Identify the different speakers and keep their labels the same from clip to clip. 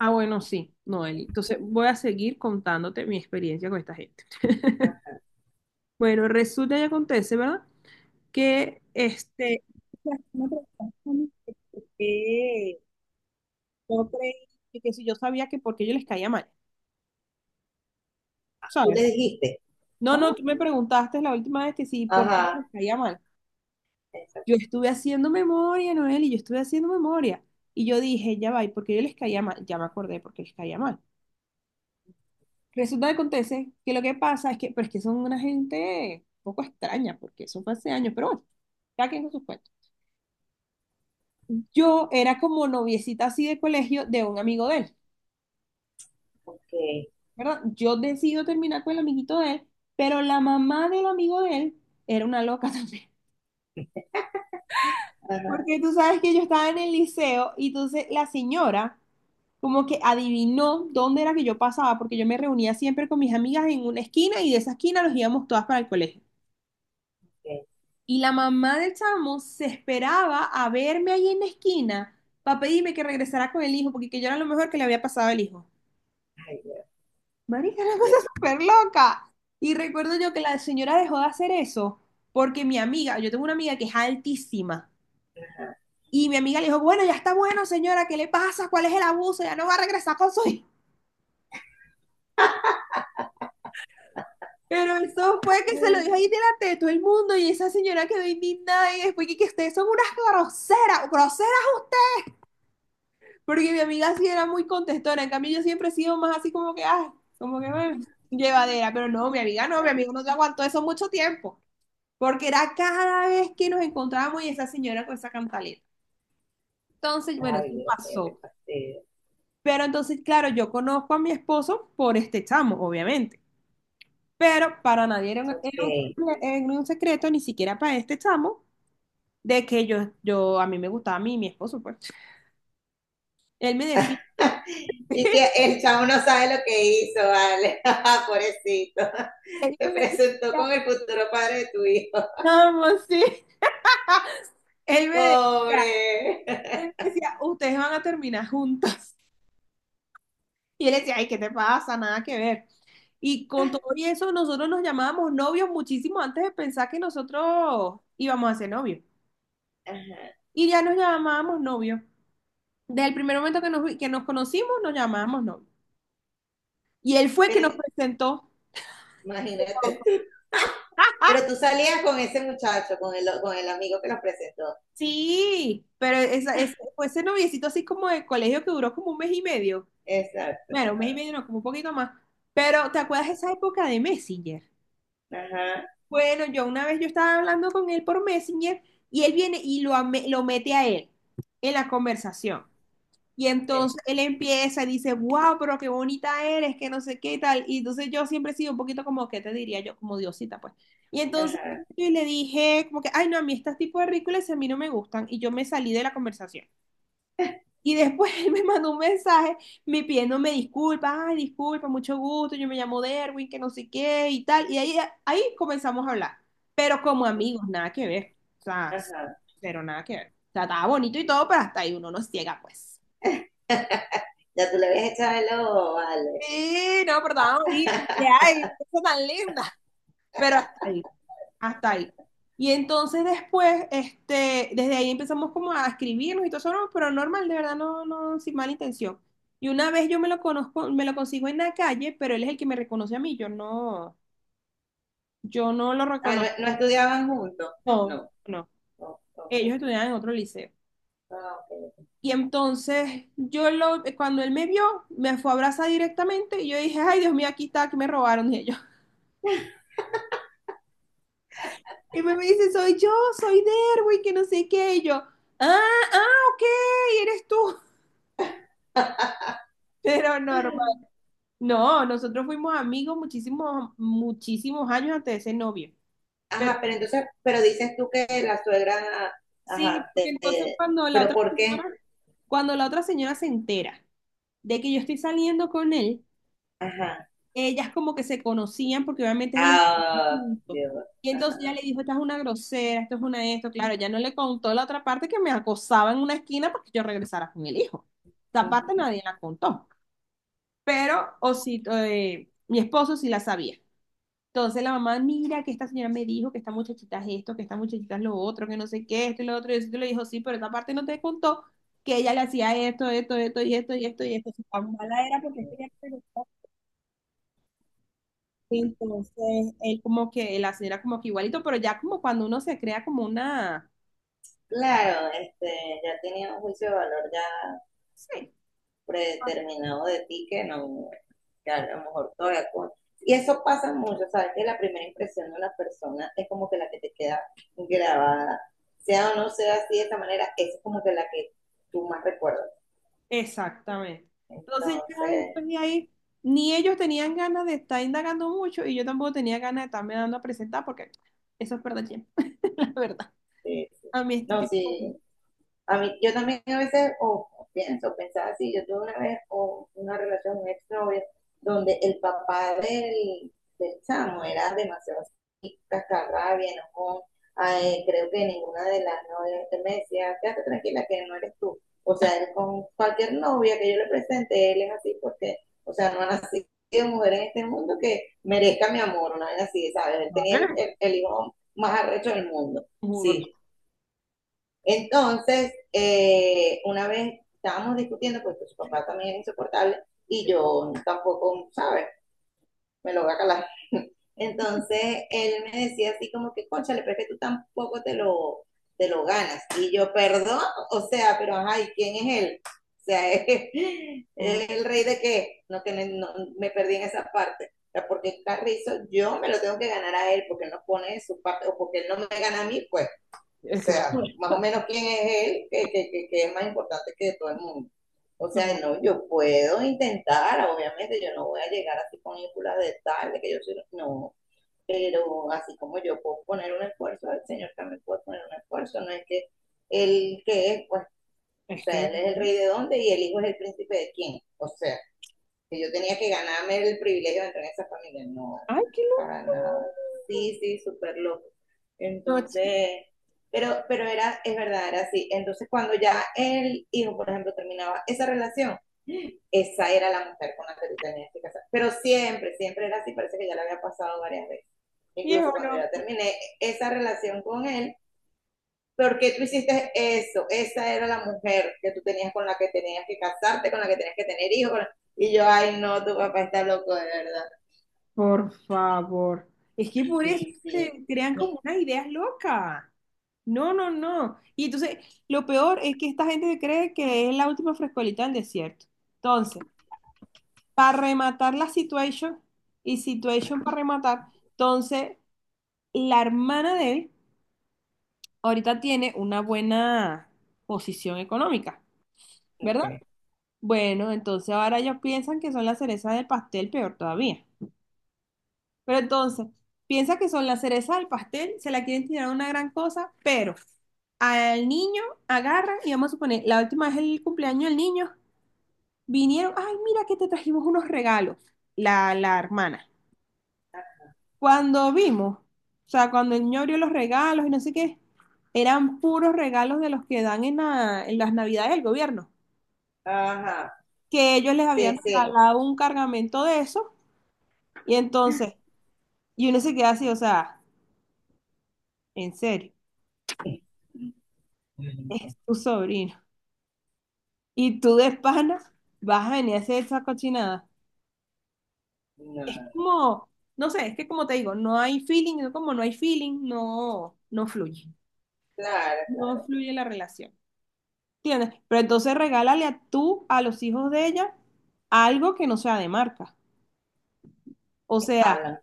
Speaker 1: Ah, bueno, sí, Noeli. Entonces voy a seguir contándote mi experiencia con esta gente. Bueno, resulta y acontece, ¿verdad? Que este... o sea, me preguntaron que por qué yo creí que si yo sabía que porque yo les caía mal,
Speaker 2: Tú
Speaker 1: ¿sabes?
Speaker 2: le dijiste.
Speaker 1: No, no,
Speaker 2: ¿Cómo?
Speaker 1: tú me preguntaste la última vez que sí, por qué yo les
Speaker 2: Ajá,
Speaker 1: caía mal. Yo
Speaker 2: exacto.
Speaker 1: estuve haciendo memoria, Noeli, yo estuve haciendo memoria. Y yo dije, ya va, ¿y por qué yo les caía mal? Ya me acordé por qué les caía mal. Resulta que acontece que lo que pasa es que, pero es que son una gente un poco extraña, porque eso fue hace años, pero bueno, cada quien con sus cuentos. Yo era como noviecita así de colegio de un amigo de él,
Speaker 2: Okay.
Speaker 1: ¿verdad? Yo decido terminar con el amiguito de él, pero la mamá del amigo de él era una loca también.
Speaker 2: Ajá,
Speaker 1: Porque tú sabes que yo estaba en el liceo y entonces la señora como que adivinó dónde era que yo pasaba, porque yo me reunía siempre con mis amigas en una esquina y de esa esquina nos íbamos todas para el colegio.
Speaker 2: ok.
Speaker 1: Y la mamá del chamo se esperaba a verme ahí en la esquina para pedirme que regresara con el hijo, porque que yo era lo mejor que le había pasado al hijo.
Speaker 2: Ay, Dios,
Speaker 1: Marica, una cosa
Speaker 2: Dios.
Speaker 1: súper loca. Y recuerdo yo que la señora dejó de hacer eso porque mi amiga, yo tengo una amiga que es altísima, y mi amiga le dijo, bueno, ya está bueno, señora, ¿qué le pasa? ¿Cuál es el abuso? Ya no va a regresar con su hijo. Pero eso fue que se lo dijo ahí delante de todo el mundo y esa señora quedó indignada y después que ustedes son unas groseras, groseras. Porque mi amiga sí era muy contestona, en cambio yo siempre he sido más así como que, ay, como que bueno, llevadera, pero no, mi amiga no, mi amiga no te aguantó eso mucho tiempo, porque era cada vez que nos encontrábamos y esa señora con esa cantaleta. Entonces, bueno,
Speaker 2: Ay,
Speaker 1: sí
Speaker 2: Dios mío, qué
Speaker 1: pasó.
Speaker 2: fastidio.
Speaker 1: Pero entonces, claro, yo conozco a mi esposo por este chamo, obviamente, pero para nadie era un
Speaker 2: Ok.
Speaker 1: secre- era un secreto, ni siquiera para este chamo, de que a mí me gustaba a mí, mi esposo, pues. Él me decía,
Speaker 2: Y que el chavo no sabe lo que hizo, vale. Pobrecito.
Speaker 1: él
Speaker 2: Te
Speaker 1: me
Speaker 2: presentó
Speaker 1: decía,
Speaker 2: con el futuro padre de tu hijo.
Speaker 1: chamo, sí, él me decía.
Speaker 2: Pobre.
Speaker 1: Él me decía, ustedes van a terminar juntas. Y él decía, ay, ¿qué te pasa? Nada que ver. Y con todo y eso, nosotros nos llamábamos novios muchísimo antes de pensar que nosotros íbamos a ser novios.
Speaker 2: Ajá.
Speaker 1: Y ya nos llamábamos novios. Desde el primer momento que nos, vi- que nos conocimos, nos llamábamos novios. Y él fue que
Speaker 2: Pero
Speaker 1: nos presentó.
Speaker 2: imagínate tú. Pero tú salías con ese muchacho, con el amigo que los presentó.
Speaker 1: Sí, pero esa- ese- fue ese noviecito así como de colegio que duró como un mes y medio.
Speaker 2: Exacto.
Speaker 1: Bueno, un mes y medio, no, como un poquito más. Pero, ¿te acuerdas de esa época de Messenger?
Speaker 2: Ajá.
Speaker 1: Bueno, yo una vez yo estaba hablando con él por Messenger y él viene y lo, ame- lo mete a él en la conversación. Y
Speaker 2: Ok.
Speaker 1: entonces él empieza y dice, wow, pero qué bonita eres, que no sé qué y tal. Y entonces yo siempre he sido un poquito como, ¿qué te diría yo? Como diosita, pues. Y entonces
Speaker 2: Ajá.
Speaker 1: yo le dije, como que, ay, no, a mí estos tipos de ridículos a mí no me gustan. Y yo me salí de la conversación. Y después él me mandó un mensaje, me pidiéndome disculpas, ay, disculpa, mucho gusto, yo me llamo Derwin, que no sé qué y tal. Y ahí, ahí comenzamos a hablar, pero como amigos, nada que ver. O sea,
Speaker 2: Ajá.
Speaker 1: pero nada que ver. O sea, estaba bonito y todo, pero hasta ahí uno no ciega, pues.
Speaker 2: Ya tú le habías echado el ojo, vale.
Speaker 1: Sí, no, pero estaba bonito. Y ay, qué cosa tan linda. Pero hasta ahí. Hasta ahí. Y entonces después, este, desde ahí empezamos como a escribirnos y todo eso, no, pero normal, de verdad, no, no, sin mala intención. Y una vez yo me lo conozco, me lo consigo en la calle, pero él es el que me reconoce a mí, yo no, yo no lo
Speaker 2: Ah,
Speaker 1: reconozco,
Speaker 2: ¿no, no estudiaban juntos?
Speaker 1: no,
Speaker 2: No.
Speaker 1: no.
Speaker 2: Oh, okay.
Speaker 1: Ellos estudiaban en otro liceo.
Speaker 2: Ah, ok.
Speaker 1: Y entonces yo lo, cuando él me vio, me fue a abrazar directamente y yo dije, ay Dios mío, aquí está, que me robaron y ellos. Y me dice, soy yo, soy Derwin, que no sé qué, y yo, ah, ah, ok, eres tú. Pero normal. No, nosotros fuimos amigos muchísimos, muchísimos años antes de ser novio.
Speaker 2: Ajá,
Speaker 1: Pero
Speaker 2: pero entonces, pero dices tú que la suegra,
Speaker 1: sí,
Speaker 2: ajá,
Speaker 1: porque entonces cuando la
Speaker 2: pero
Speaker 1: otra
Speaker 2: ¿por
Speaker 1: señora,
Speaker 2: qué?
Speaker 1: cuando la otra señora se entera de que yo estoy saliendo con él,
Speaker 2: Ajá.
Speaker 1: ellas como que se conocían porque obviamente ellos estuvieron
Speaker 2: Ah,
Speaker 1: juntos.
Speaker 2: Dios,
Speaker 1: Y entonces ella
Speaker 2: ajá.
Speaker 1: le dijo, esta es una grosera, esto es una esto. Claro, ya no le contó la otra parte que me acosaba en una esquina porque yo regresara con el hijo. Esa parte
Speaker 2: Ujú,
Speaker 1: nadie la contó. Pero, o si, mi esposo sí la sabía. Entonces la mamá, mira que esta señora me dijo que esta muchachita es esto, que esta muchachita es lo otro, que no sé qué, esto y lo otro. Y eso le dijo, sí, pero esta parte no te contó que ella le hacía esto, esto, esto y esto y esto y esto. Su tan mala era porque
Speaker 2: ujú.
Speaker 1: ella preguntó. Entonces él como que, la señora como que igualito, pero ya como cuando uno se crea como una...
Speaker 2: Claro, ya tenía un juicio de valor ya
Speaker 1: Sí,
Speaker 2: predeterminado de ti que no, que a lo mejor todavía con... Y eso pasa mucho, ¿sabes? Que la primera impresión de una persona es como que la que te queda grabada. Sea o no sea así de esta manera, esa es como que la que tú más recuerdas.
Speaker 1: exactamente. Entonces ya
Speaker 2: Entonces,
Speaker 1: después de ahí, ni ellos tenían ganas de estar indagando mucho y yo tampoco tenía ganas de estarme dando a presentar porque eso es verdad, la verdad.
Speaker 2: sí, sí.
Speaker 1: A mí este
Speaker 2: No,
Speaker 1: tipo...
Speaker 2: sí, a mí, yo también a veces o pienso, pensaba así, yo tuve una vez o una relación, un exnovio, donde el papá del chamo era demasiado así, cascarrabia, enojón. Ay, creo que ninguna de las novias que me decía, quédate tranquila que no eres tú. O sea, él con cualquier novia que yo le presente, él es así porque, o sea, no ha nacido mujer en este mundo que merezca mi amor, una vez así, ¿sabes? Él tenía el hijo más arrecho del mundo.
Speaker 1: Mudo
Speaker 2: Sí, entonces, una vez estábamos discutiendo, porque su papá también es insoportable y yo tampoco, ¿sabes? Me lo voy a calar. Entonces, él me decía así como que, cónchale, pero es que tú tampoco te lo ganas. Y yo, perdón, o sea, pero ajá, ¿y quién es él? O sea, ¿es,
Speaker 1: todo.
Speaker 2: es el rey de qué? No, que no, no, me perdí en esa parte. O sea, porque Carrizo, yo me lo tengo que ganar a él, porque él no pone de su parte, o porque él no me gana a mí, pues. O
Speaker 1: Es que,
Speaker 2: sea, más o menos quién es él, que es más importante que todo el mundo. O sea,
Speaker 1: no,
Speaker 2: no, yo puedo intentar, obviamente, yo no voy a llegar así con ínfulas de tal, de que yo soy, no, pero así como yo puedo poner un esfuerzo, el Señor también puede poner un esfuerzo, no es que él que es, pues, o
Speaker 1: es
Speaker 2: sea,
Speaker 1: que,
Speaker 2: él es el rey de dónde y el hijo es el príncipe de quién, o sea, que yo tenía que ganarme el privilegio de entrar en esa familia. No,
Speaker 1: ay, qué
Speaker 2: para
Speaker 1: loco.
Speaker 2: nada. Sí, sí, súper loco.
Speaker 1: No, chico,
Speaker 2: Entonces, pero era, es verdad, era así. Entonces, cuando ya el hijo, por ejemplo, terminaba esa relación, esa era la mujer con la que tú tenías que casar. Pero siempre, siempre era así, parece que ya la había pasado varias veces. Incluso
Speaker 1: viejo
Speaker 2: cuando ya
Speaker 1: loco.
Speaker 2: terminé esa relación con él, ¿por qué tú hiciste eso? Esa era la mujer que tú tenías con la que tenías que casarte, con la que tenías que tener hijos. Y yo, ay, no, tu papá está loco, de verdad.
Speaker 1: Por favor. Es que por eso
Speaker 2: Sí, sí.
Speaker 1: se crean
Speaker 2: Mi-
Speaker 1: como unas ideas locas. No, no, no. Y entonces, lo peor es que esta gente cree que es la última frescolita del desierto. Entonces, para rematar la situation, y situation para rematar, entonces, la hermana de él ahorita tiene una buena posición económica,
Speaker 2: ok.
Speaker 1: ¿verdad? Bueno, entonces ahora ellos piensan que son la cereza del pastel, peor todavía. Pero entonces, piensa que son la cereza del pastel, se la quieren tirar una gran cosa, pero al niño agarran y vamos a suponer, la última vez el cumpleaños del niño, vinieron, ay, mira que te trajimos unos regalos, la hermana. Cuando vimos, o sea, cuando el niño abrió los regalos y no sé qué, eran puros regalos de los que dan en, la- en las navidades del gobierno,
Speaker 2: Ajá,
Speaker 1: que ellos les
Speaker 2: sí,
Speaker 1: habían
Speaker 2: sí.
Speaker 1: regalado un cargamento de eso. Y entonces y uno se queda así, o sea, en serio,
Speaker 2: No,
Speaker 1: es tu sobrino. Y tú de pana vas a venir a hacer esa cochinada.
Speaker 2: no,
Speaker 1: Es
Speaker 2: no.
Speaker 1: como, no sé, es que como te digo, no hay feeling, no- como no hay feeling, no, no fluye.
Speaker 2: Claro,
Speaker 1: No
Speaker 2: claro.
Speaker 1: fluye la relación. ¿Entiendes? Pero entonces regálale a tú, a los hijos de ella, algo que no sea de marca. O sea,
Speaker 2: Hablan.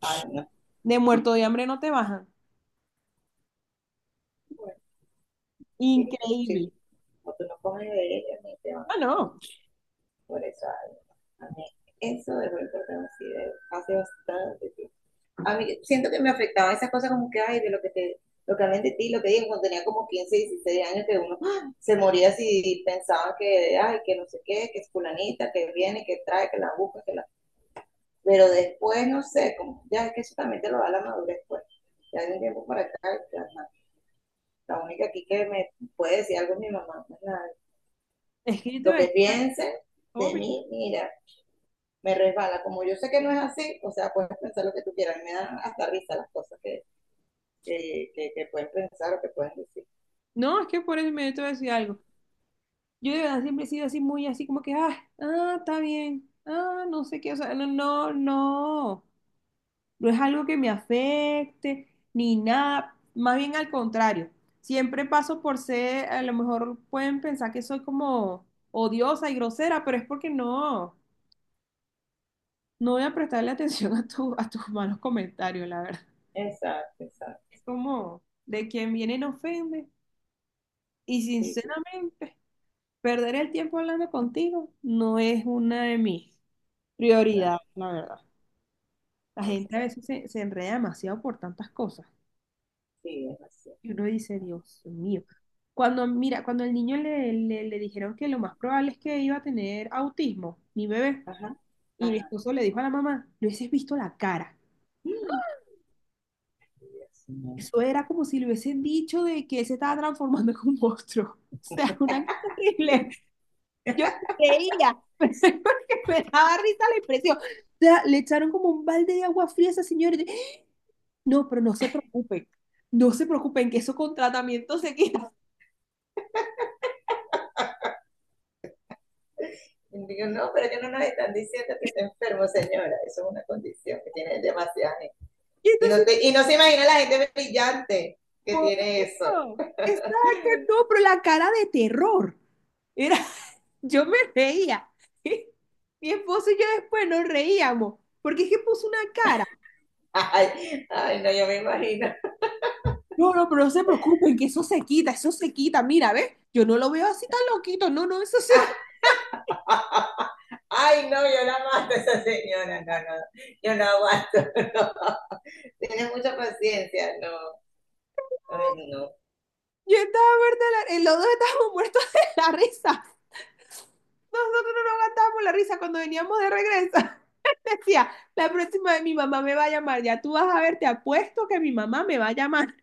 Speaker 2: Ay, no.
Speaker 1: de muerto de hambre no te bajan.
Speaker 2: Bueno, sí, pues, sí.
Speaker 1: Increíble.
Speaker 2: O tú no coges de ella, ni te van
Speaker 1: Ah,
Speaker 2: a
Speaker 1: no,
Speaker 2: por eso. Ay, no. A mí, eso de verdad, así de hace bastante tiempo. A mí siento que me afectaba esas cosas como que, ay, de lo que te, lo que hablan de ti, lo que digo, cuando tenía como 15 16 años, que uno ¡ah! Se moría si pensaba que, ay, que no sé qué, que es fulanita, que viene, que trae, que la busca, que la... Pero después, no sé, como, ya es que eso también te lo da la madurez, pues. Ya hay un tiempo para acá, ya, la única aquí que me puede decir algo es mi mamá.
Speaker 1: es que yo te
Speaker 2: Lo
Speaker 1: voy a
Speaker 2: que
Speaker 1: decir,
Speaker 2: piensen de
Speaker 1: obvio.
Speaker 2: mí, mira, me resbala. Como yo sé que no es así, o sea, puedes pensar lo que tú quieras, me dan hasta risa las cosas que pueden pensar o que pueden decir.
Speaker 1: No, es que por eso me te voy a decir algo. Yo de verdad siempre he sido así muy así como que, ah, ah, está bien, ah, no sé qué, o sea, no, no, no, no es algo que me afecte ni nada, más bien al contrario, siempre paso por ser, a lo mejor pueden pensar que soy como odiosa y grosera, pero es porque no, no voy a prestarle atención a tu, a tus malos comentarios, la verdad.
Speaker 2: Exacto,
Speaker 1: Es
Speaker 2: exacto.
Speaker 1: como, de quien viene no ofende y
Speaker 2: Sí, sí,
Speaker 1: sinceramente, perder el tiempo hablando contigo no es una de mis prioridad,
Speaker 2: exacto,
Speaker 1: la verdad. La gente a
Speaker 2: exacto.
Speaker 1: veces se, se enreda demasiado por tantas cosas.
Speaker 2: Sí, es así.
Speaker 1: Y uno dice, Dios mío. Cuando, mira, cuando el niño le, le, le dijeron que lo más probable es que iba a tener autismo, mi bebé,
Speaker 2: Ajá,
Speaker 1: y mi
Speaker 2: ajá.
Speaker 1: esposo le dijo a la mamá, le hubieses visto la cara.
Speaker 2: Mm, Dios mío.
Speaker 1: Eso era como si le hubiesen dicho de que él se estaba transformando en un monstruo. O sea, una cosa horrible. Yo creía, pensé porque me daba risa la impresión. O sea, le echaron como un balde de agua fría a esa señora. No, pero no se preocupen, no se preocupen que eso con tratamiento se quita.
Speaker 2: Y digo, no, pero que no nos están diciendo que está enfermo, señora. Eso es una condición que tiene demasiada gente.
Speaker 1: Y
Speaker 2: Y no,
Speaker 1: entonces,
Speaker 2: y no se imagina la gente brillante que
Speaker 1: por
Speaker 2: tiene eso.
Speaker 1: eso, exacto, no, pero la cara de terror, era, yo me reía. Mi esposo y yo después nos reíamos, porque es que puso una cara.
Speaker 2: Ay, ay, no, yo me imagino.
Speaker 1: No, no, pero no se preocupen que eso se quita, mira, ¿ves? Yo no lo veo así tan loquito, no, no, eso sí.
Speaker 2: Ay, no, yo la mato a esa señora. No, no, yo la aguanto. No. Tiene mucha paciencia, no. Ay, no.
Speaker 1: Yo estaba muerta, de la- los dos estábamos muertos de la risa. Nosotros no nos gastábamos la risa cuando veníamos de regreso. Decía, la próxima vez mi mamá me va a llamar, ya tú vas a ver, te apuesto que mi mamá me va a llamar.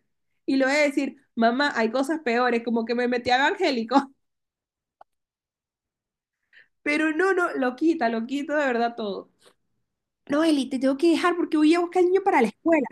Speaker 1: Y le voy a decir, mamá, hay cosas peores, como que me metí a evangélico. Pero no, no, lo quita, lo quito de verdad todo. No, Eli, te tengo que dejar porque voy a buscar al niño para la escuela.